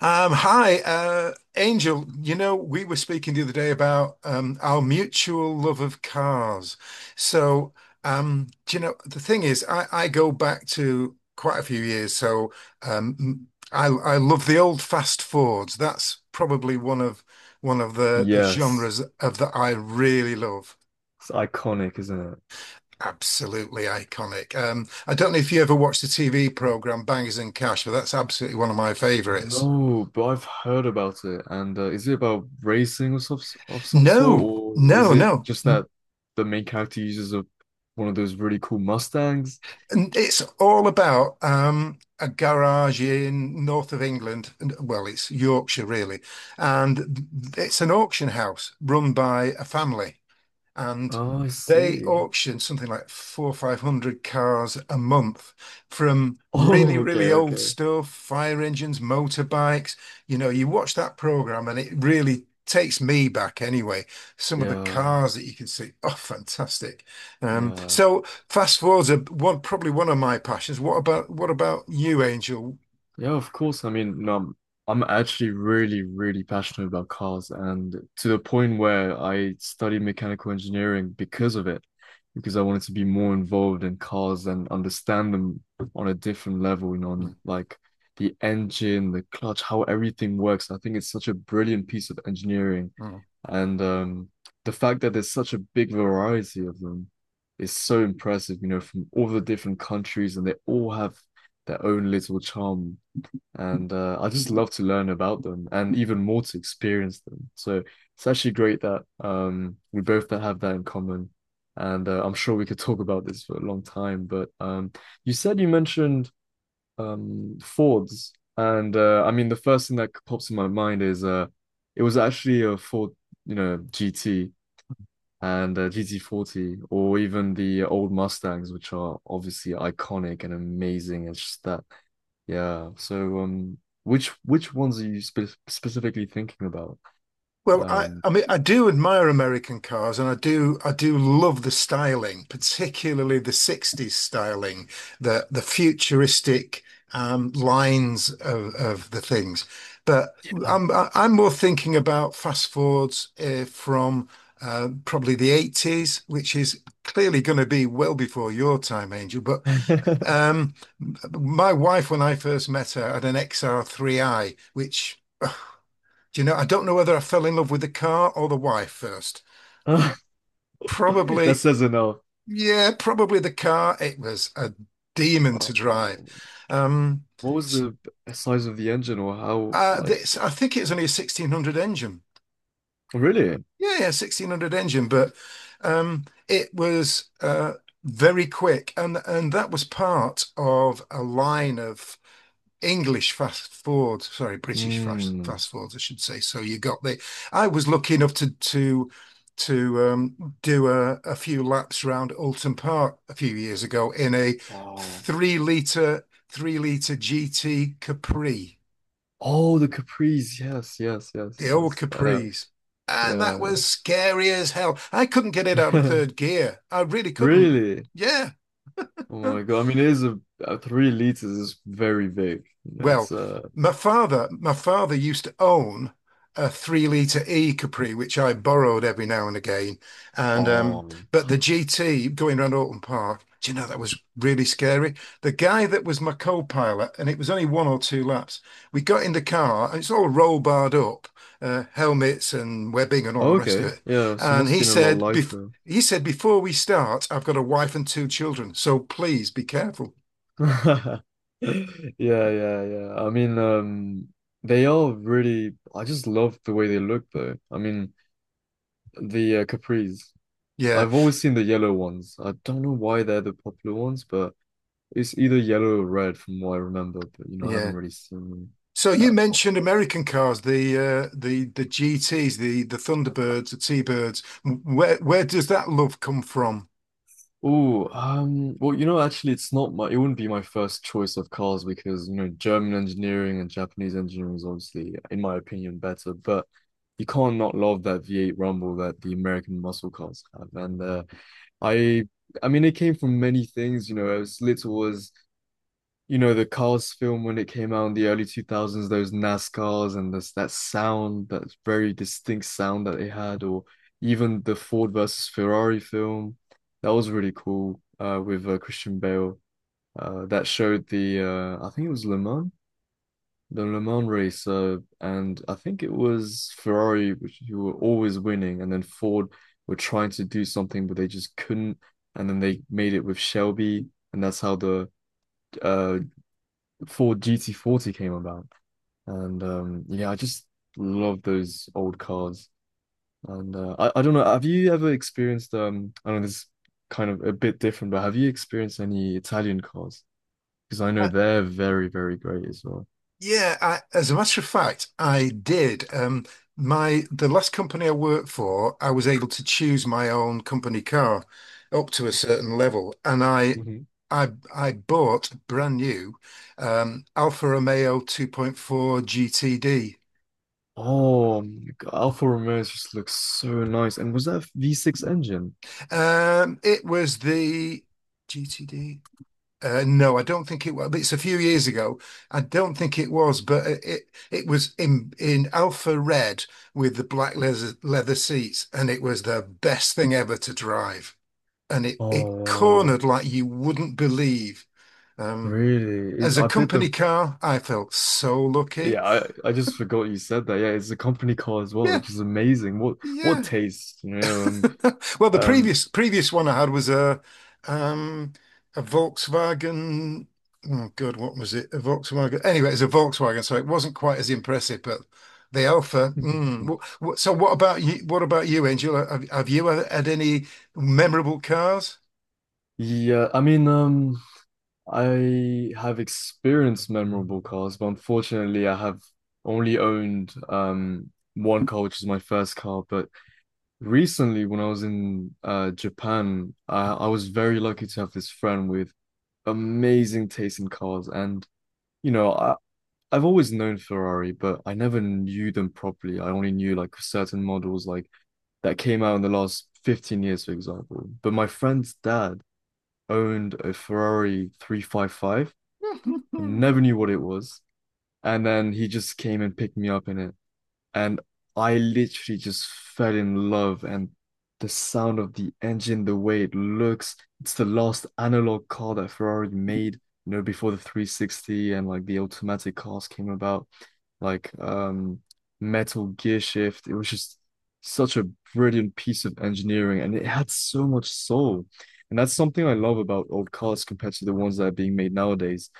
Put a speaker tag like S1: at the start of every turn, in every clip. S1: Hi, Angel. We were speaking the other day about our mutual love of cars. So, do you know, the thing is, I go back to quite a few years. So, I love the old fast Fords. That's probably one of the
S2: Yes.
S1: genres of that I really love.
S2: It's iconic, isn't it?
S1: Absolutely iconic. I don't know if you ever watched the TV program Bangers and Cash, but that's absolutely one of my favorites.
S2: No, but I've heard about it. And is it about racing of some
S1: No,
S2: sort, or is
S1: no,
S2: it
S1: no.
S2: just that the main character uses one of those really cool Mustangs?
S1: And it's all about a garage in north of England, and well, it's Yorkshire really, and it's an auction house run by a family, and
S2: Oh, I
S1: they
S2: see.
S1: auction something like four or five hundred cars a month from really,
S2: Oh, okay,
S1: really old
S2: okay.
S1: stuff, fire engines, motorbikes. You watch that program and it really takes me back anyway. Some of the
S2: Yeah,
S1: cars that you can see, oh, fantastic. Um,
S2: yeah.
S1: so fast forwards are one, probably one of my passions. What about you, Angel?
S2: Yeah, of course. I mean, I'm actually really, really passionate about cars, and to the point where I studied mechanical engineering because of it, because I wanted to be more involved in cars and understand them on a different level, you know,
S1: Mm,
S2: on like the engine, the clutch, how everything works. I think it's such a brilliant piece of engineering,
S1: mm.
S2: and the fact that there's such a big variety of them is so impressive, you know, from all the different countries, and they all have their own little charm and I just love to learn about them and even more to experience them. So it's actually great that we both have that in common, and I'm sure we could talk about this for a long time. But you said you mentioned Fords, and I mean the first thing that pops in my mind is it was actually a Ford, you know, GT. And GT40, or even the old Mustangs, which are obviously iconic and amazing. It's just that yeah. So, which ones are you specifically thinking about?
S1: Well, I,
S2: Um,
S1: I mean, I do admire American cars, and I do love the styling, particularly the '60s styling, the futuristic lines of the things. But I'm more thinking about fast forwards from probably the '80s, which is clearly going to be well before your time, Angel. But
S2: that
S1: um, my wife, when I first met her, had an XR3i, which Do you know, I don't know whether I fell in love with the car or the wife first. Probably,
S2: says enough.
S1: yeah, probably the car. It was a demon
S2: Uh,
S1: to drive. Um,
S2: What was
S1: s-
S2: the size of the engine, or how?
S1: uh,
S2: Like,
S1: this, I think, it was only a 1600 engine.
S2: oh, really?
S1: Yeah, yeah, 1600 engine, but it was very quick, and that was part of a line of English fast forward, sorry, British fast
S2: Hmm.
S1: fast forwards, I should say. So you got the. I was lucky enough to do a few laps around Alton Park a few years ago in a
S2: Oh,
S1: three liter GT Capri,
S2: oh, the Caprice. Yes, yes, yes,
S1: the old
S2: yes.
S1: Capris, and that
S2: Yeah.
S1: was scary as hell. I couldn't get it out of third gear. I really couldn't.
S2: Really?
S1: Yeah.
S2: Oh my God. I mean, it is a 3 liters is very big. It's
S1: Well,
S2: uh.
S1: my father used to own a 3 litre E Capri, which I borrowed every now and again. And
S2: Um.
S1: but the GT going around Alton Park, do you know that was really scary? The guy that was my co-pilot, and it was only one or two laps. We got in the car, and it's all roll barred up, helmets and webbing and all the rest of
S2: Okay.
S1: it.
S2: Yeah. So it
S1: And
S2: must have been a lot lighter.
S1: he said, before we start, I've got a wife and two children, so please be careful.
S2: Yeah, yeah, yeah. I mean, they are really. I just love the way they look, though. I mean, the capris.
S1: Yeah,
S2: I've always seen the yellow ones. I don't know why they're the popular ones, but it's either yellow or red, from what I remember. But you know, I haven't
S1: yeah.
S2: really seen
S1: So you
S2: that.
S1: mentioned American cars, the GTs, the Thunderbirds, the T-Birds. Where does that love come from?
S2: Oh, well, actually, it wouldn't be my first choice of cars because, you know, German engineering and Japanese engineering is obviously, in my opinion, better. But you can't not love that V8 Rumble that the American muscle cars have. And I, I mean, it came from many things, as little as the Cars film when it came out in the early 2000s, those NASCARs and this that sound, that very distinct sound that they had, or even the Ford versus Ferrari film, that was really cool with Christian Bale. That showed the I think it was Le Mans, the Le Mans race, and I think it was Ferrari, which who were always winning, and then Ford were trying to do something, but they just couldn't, and then they made it with Shelby, and that's how the uh before GT40 came about. And yeah, I just love those old cars. And I don't know, have you ever experienced, I don't know, this is kind of a bit different, but have you experienced any Italian cars? Because I know
S1: Uh,
S2: they're very, very great as well.
S1: yeah, I, as a matter of fact, I did. My the last company I worked for, I was able to choose my own company car up to a certain level, and
S2: Mhm.
S1: I I bought brand new Alfa Romeo 2.4 GTD.
S2: Oh, my God, Alfa Romeos just looks so nice. And was that a V6 engine?
S1: It was the GTD. No, I don't think it was. It's a few years ago. I don't think it was, but it was in alpha red with the black leather seats, and it was the best thing ever to drive. And it
S2: Oh, wow.
S1: cornered like you wouldn't believe. Um,
S2: Really?
S1: as a
S2: I bet
S1: company
S2: the
S1: car, I felt so lucky.
S2: yeah, I just forgot you said that. Yeah, it's a company car as well,
S1: Yeah,
S2: which is amazing. What
S1: yeah.
S2: taste, you know?
S1: Well, the
S2: Um,
S1: previous one I had was um a Volkswagen. Oh God, what was it? A Volkswagen. Anyway, it's a Volkswagen, so it wasn't quite as impressive. But the Alpha. So, what about you? What about you, Angel? Have you had any memorable cars?
S2: yeah, I mean, I have experienced memorable cars, but unfortunately, I have only owned one car, which is my first car. But recently, when I was in Japan, I was very lucky to have this friend with amazing taste in cars, and you know, I've always known Ferrari, but I never knew them properly. I only knew like certain models, like that came out in the last 15 years, for example. But my friend's dad owned a Ferrari 355 and never knew what it was. And then he just came and picked me up in it and I literally just fell in love. And the sound of the engine, the way it looks, it's the last analog car that Ferrari made, before the 360 and like the automatic cars came about, like metal gear shift. It was just such a brilliant piece of engineering and it had so much soul. And that's something I love about old cars compared to the ones that are being made nowadays.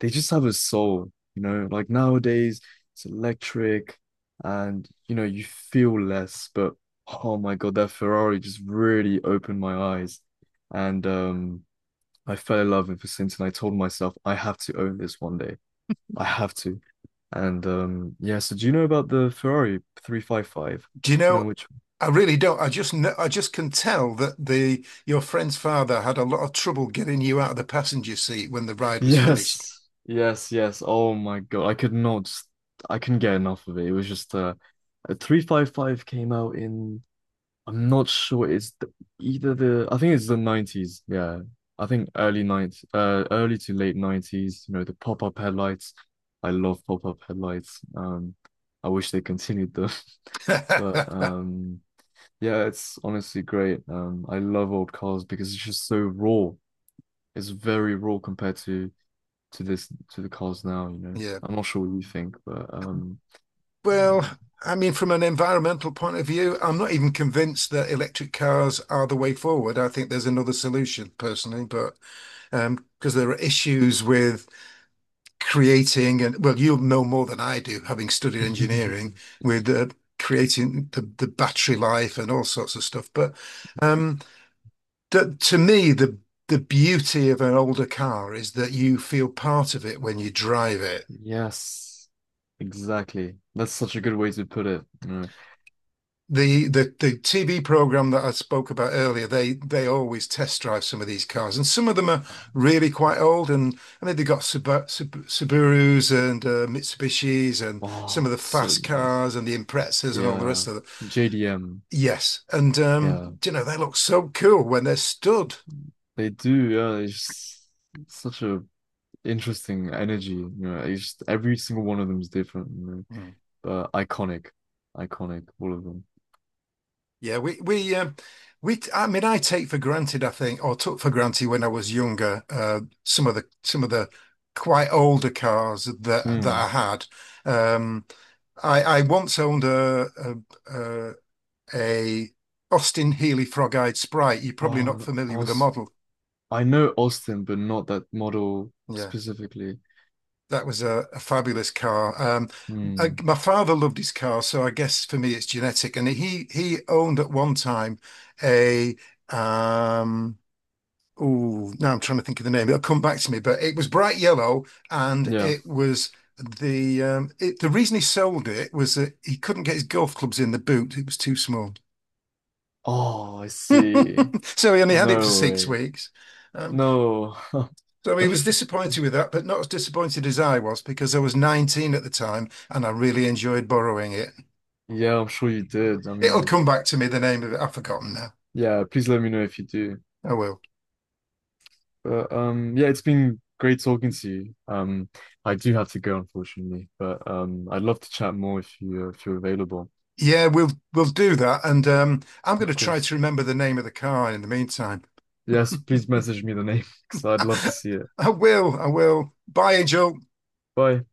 S2: They just have a soul, you know, like nowadays it's electric and you know you feel less, but oh my god, that Ferrari just really opened my eyes, and I fell in love with Vicinton, and I told myself I have to own this one day. I have to. And yeah, so do you know about the Ferrari 355,
S1: Do you
S2: do you know
S1: know?
S2: which?
S1: I really don't. I just can tell that the your friend's father had a lot of trouble getting you out of the passenger seat when the ride was finished.
S2: Yes, yes, yes, oh my god, I couldn't get enough of it. It was just a 355 came out in, I'm not sure. It's the, either the I think it's the 90s. Yeah, I think early 90s. Early to late 90s. You know, the pop-up headlights. I love pop-up headlights. I wish they continued them, but yeah, it's honestly great. I love old cars because it's just so raw. It's very raw compared to this, to the cars now. You know,
S1: Yeah.
S2: I'm not sure what you think, but
S1: Well,
S2: yeah.
S1: I mean, from an environmental point of view, I'm not even convinced that electric cars are the way forward. I think there's another solution personally, but because there are issues with creating, and well, you'll know more than I do, having studied engineering, with creating the battery life and all sorts of stuff. But um, that to me, the beauty of an older car is that you feel part of it when you drive it.
S2: Yes, exactly. That's such a good way to put it.
S1: The TV program that I spoke about earlier, they always test drive some of these cars, and some of them are really quite old. And I mean, they got Subarus and Mitsubishis, and some of
S2: Wow,
S1: the
S2: so
S1: fast
S2: nice.
S1: cars and the Imprezas and all the
S2: Yeah,
S1: rest of it.
S2: JDM.
S1: Yes, and
S2: Yeah,
S1: you know they look so cool when they're stood.
S2: they do. Yeah, it's just such a interesting energy. You know, it's just every single one of them is different. You know,
S1: Mm.
S2: but iconic, iconic, all of them.
S1: Yeah, I mean I take for granted I think or took for granted when I was younger some of the quite older cars that
S2: Hmm.
S1: I had. Um I once owned a, a, a Austin Healey Frog-Eyed Sprite. You're probably
S2: Oh,
S1: not
S2: no,
S1: familiar with the
S2: Aus.
S1: model.
S2: I know Austin, but not that model
S1: Yeah.
S2: specifically.
S1: That was a fabulous car. Um, I,
S2: Hmm.
S1: my father loved his car, so I guess for me it's genetic. And he owned at one time a um oh, now I'm trying to think of the name. It'll come back to me, but it was bright yellow, and
S2: Yeah.
S1: it was the it, the reason he sold it was that he couldn't get his golf clubs in the boot; it was too small.
S2: Oh, I see.
S1: So he only had it for
S2: No
S1: six
S2: way.
S1: weeks. Um,
S2: No.
S1: so he was disappointed with that, but not as disappointed as I was because I was 19 at the time and I really enjoyed borrowing it.
S2: Yeah, I'm sure you did. I
S1: It'll
S2: mean,
S1: come back to me, the name of it. I've forgotten now.
S2: yeah. Please let me know if you do.
S1: I will.
S2: But yeah, it's been great talking to you. I do have to go, unfortunately, but I'd love to chat more if you're available,
S1: Yeah, we'll do that, and I'm going to
S2: of
S1: try
S2: course.
S1: to remember the name of the car in the meantime.
S2: Yes, please message me the name because I'd love to see it.
S1: I will. I will. Bye, Angel.
S2: Bye.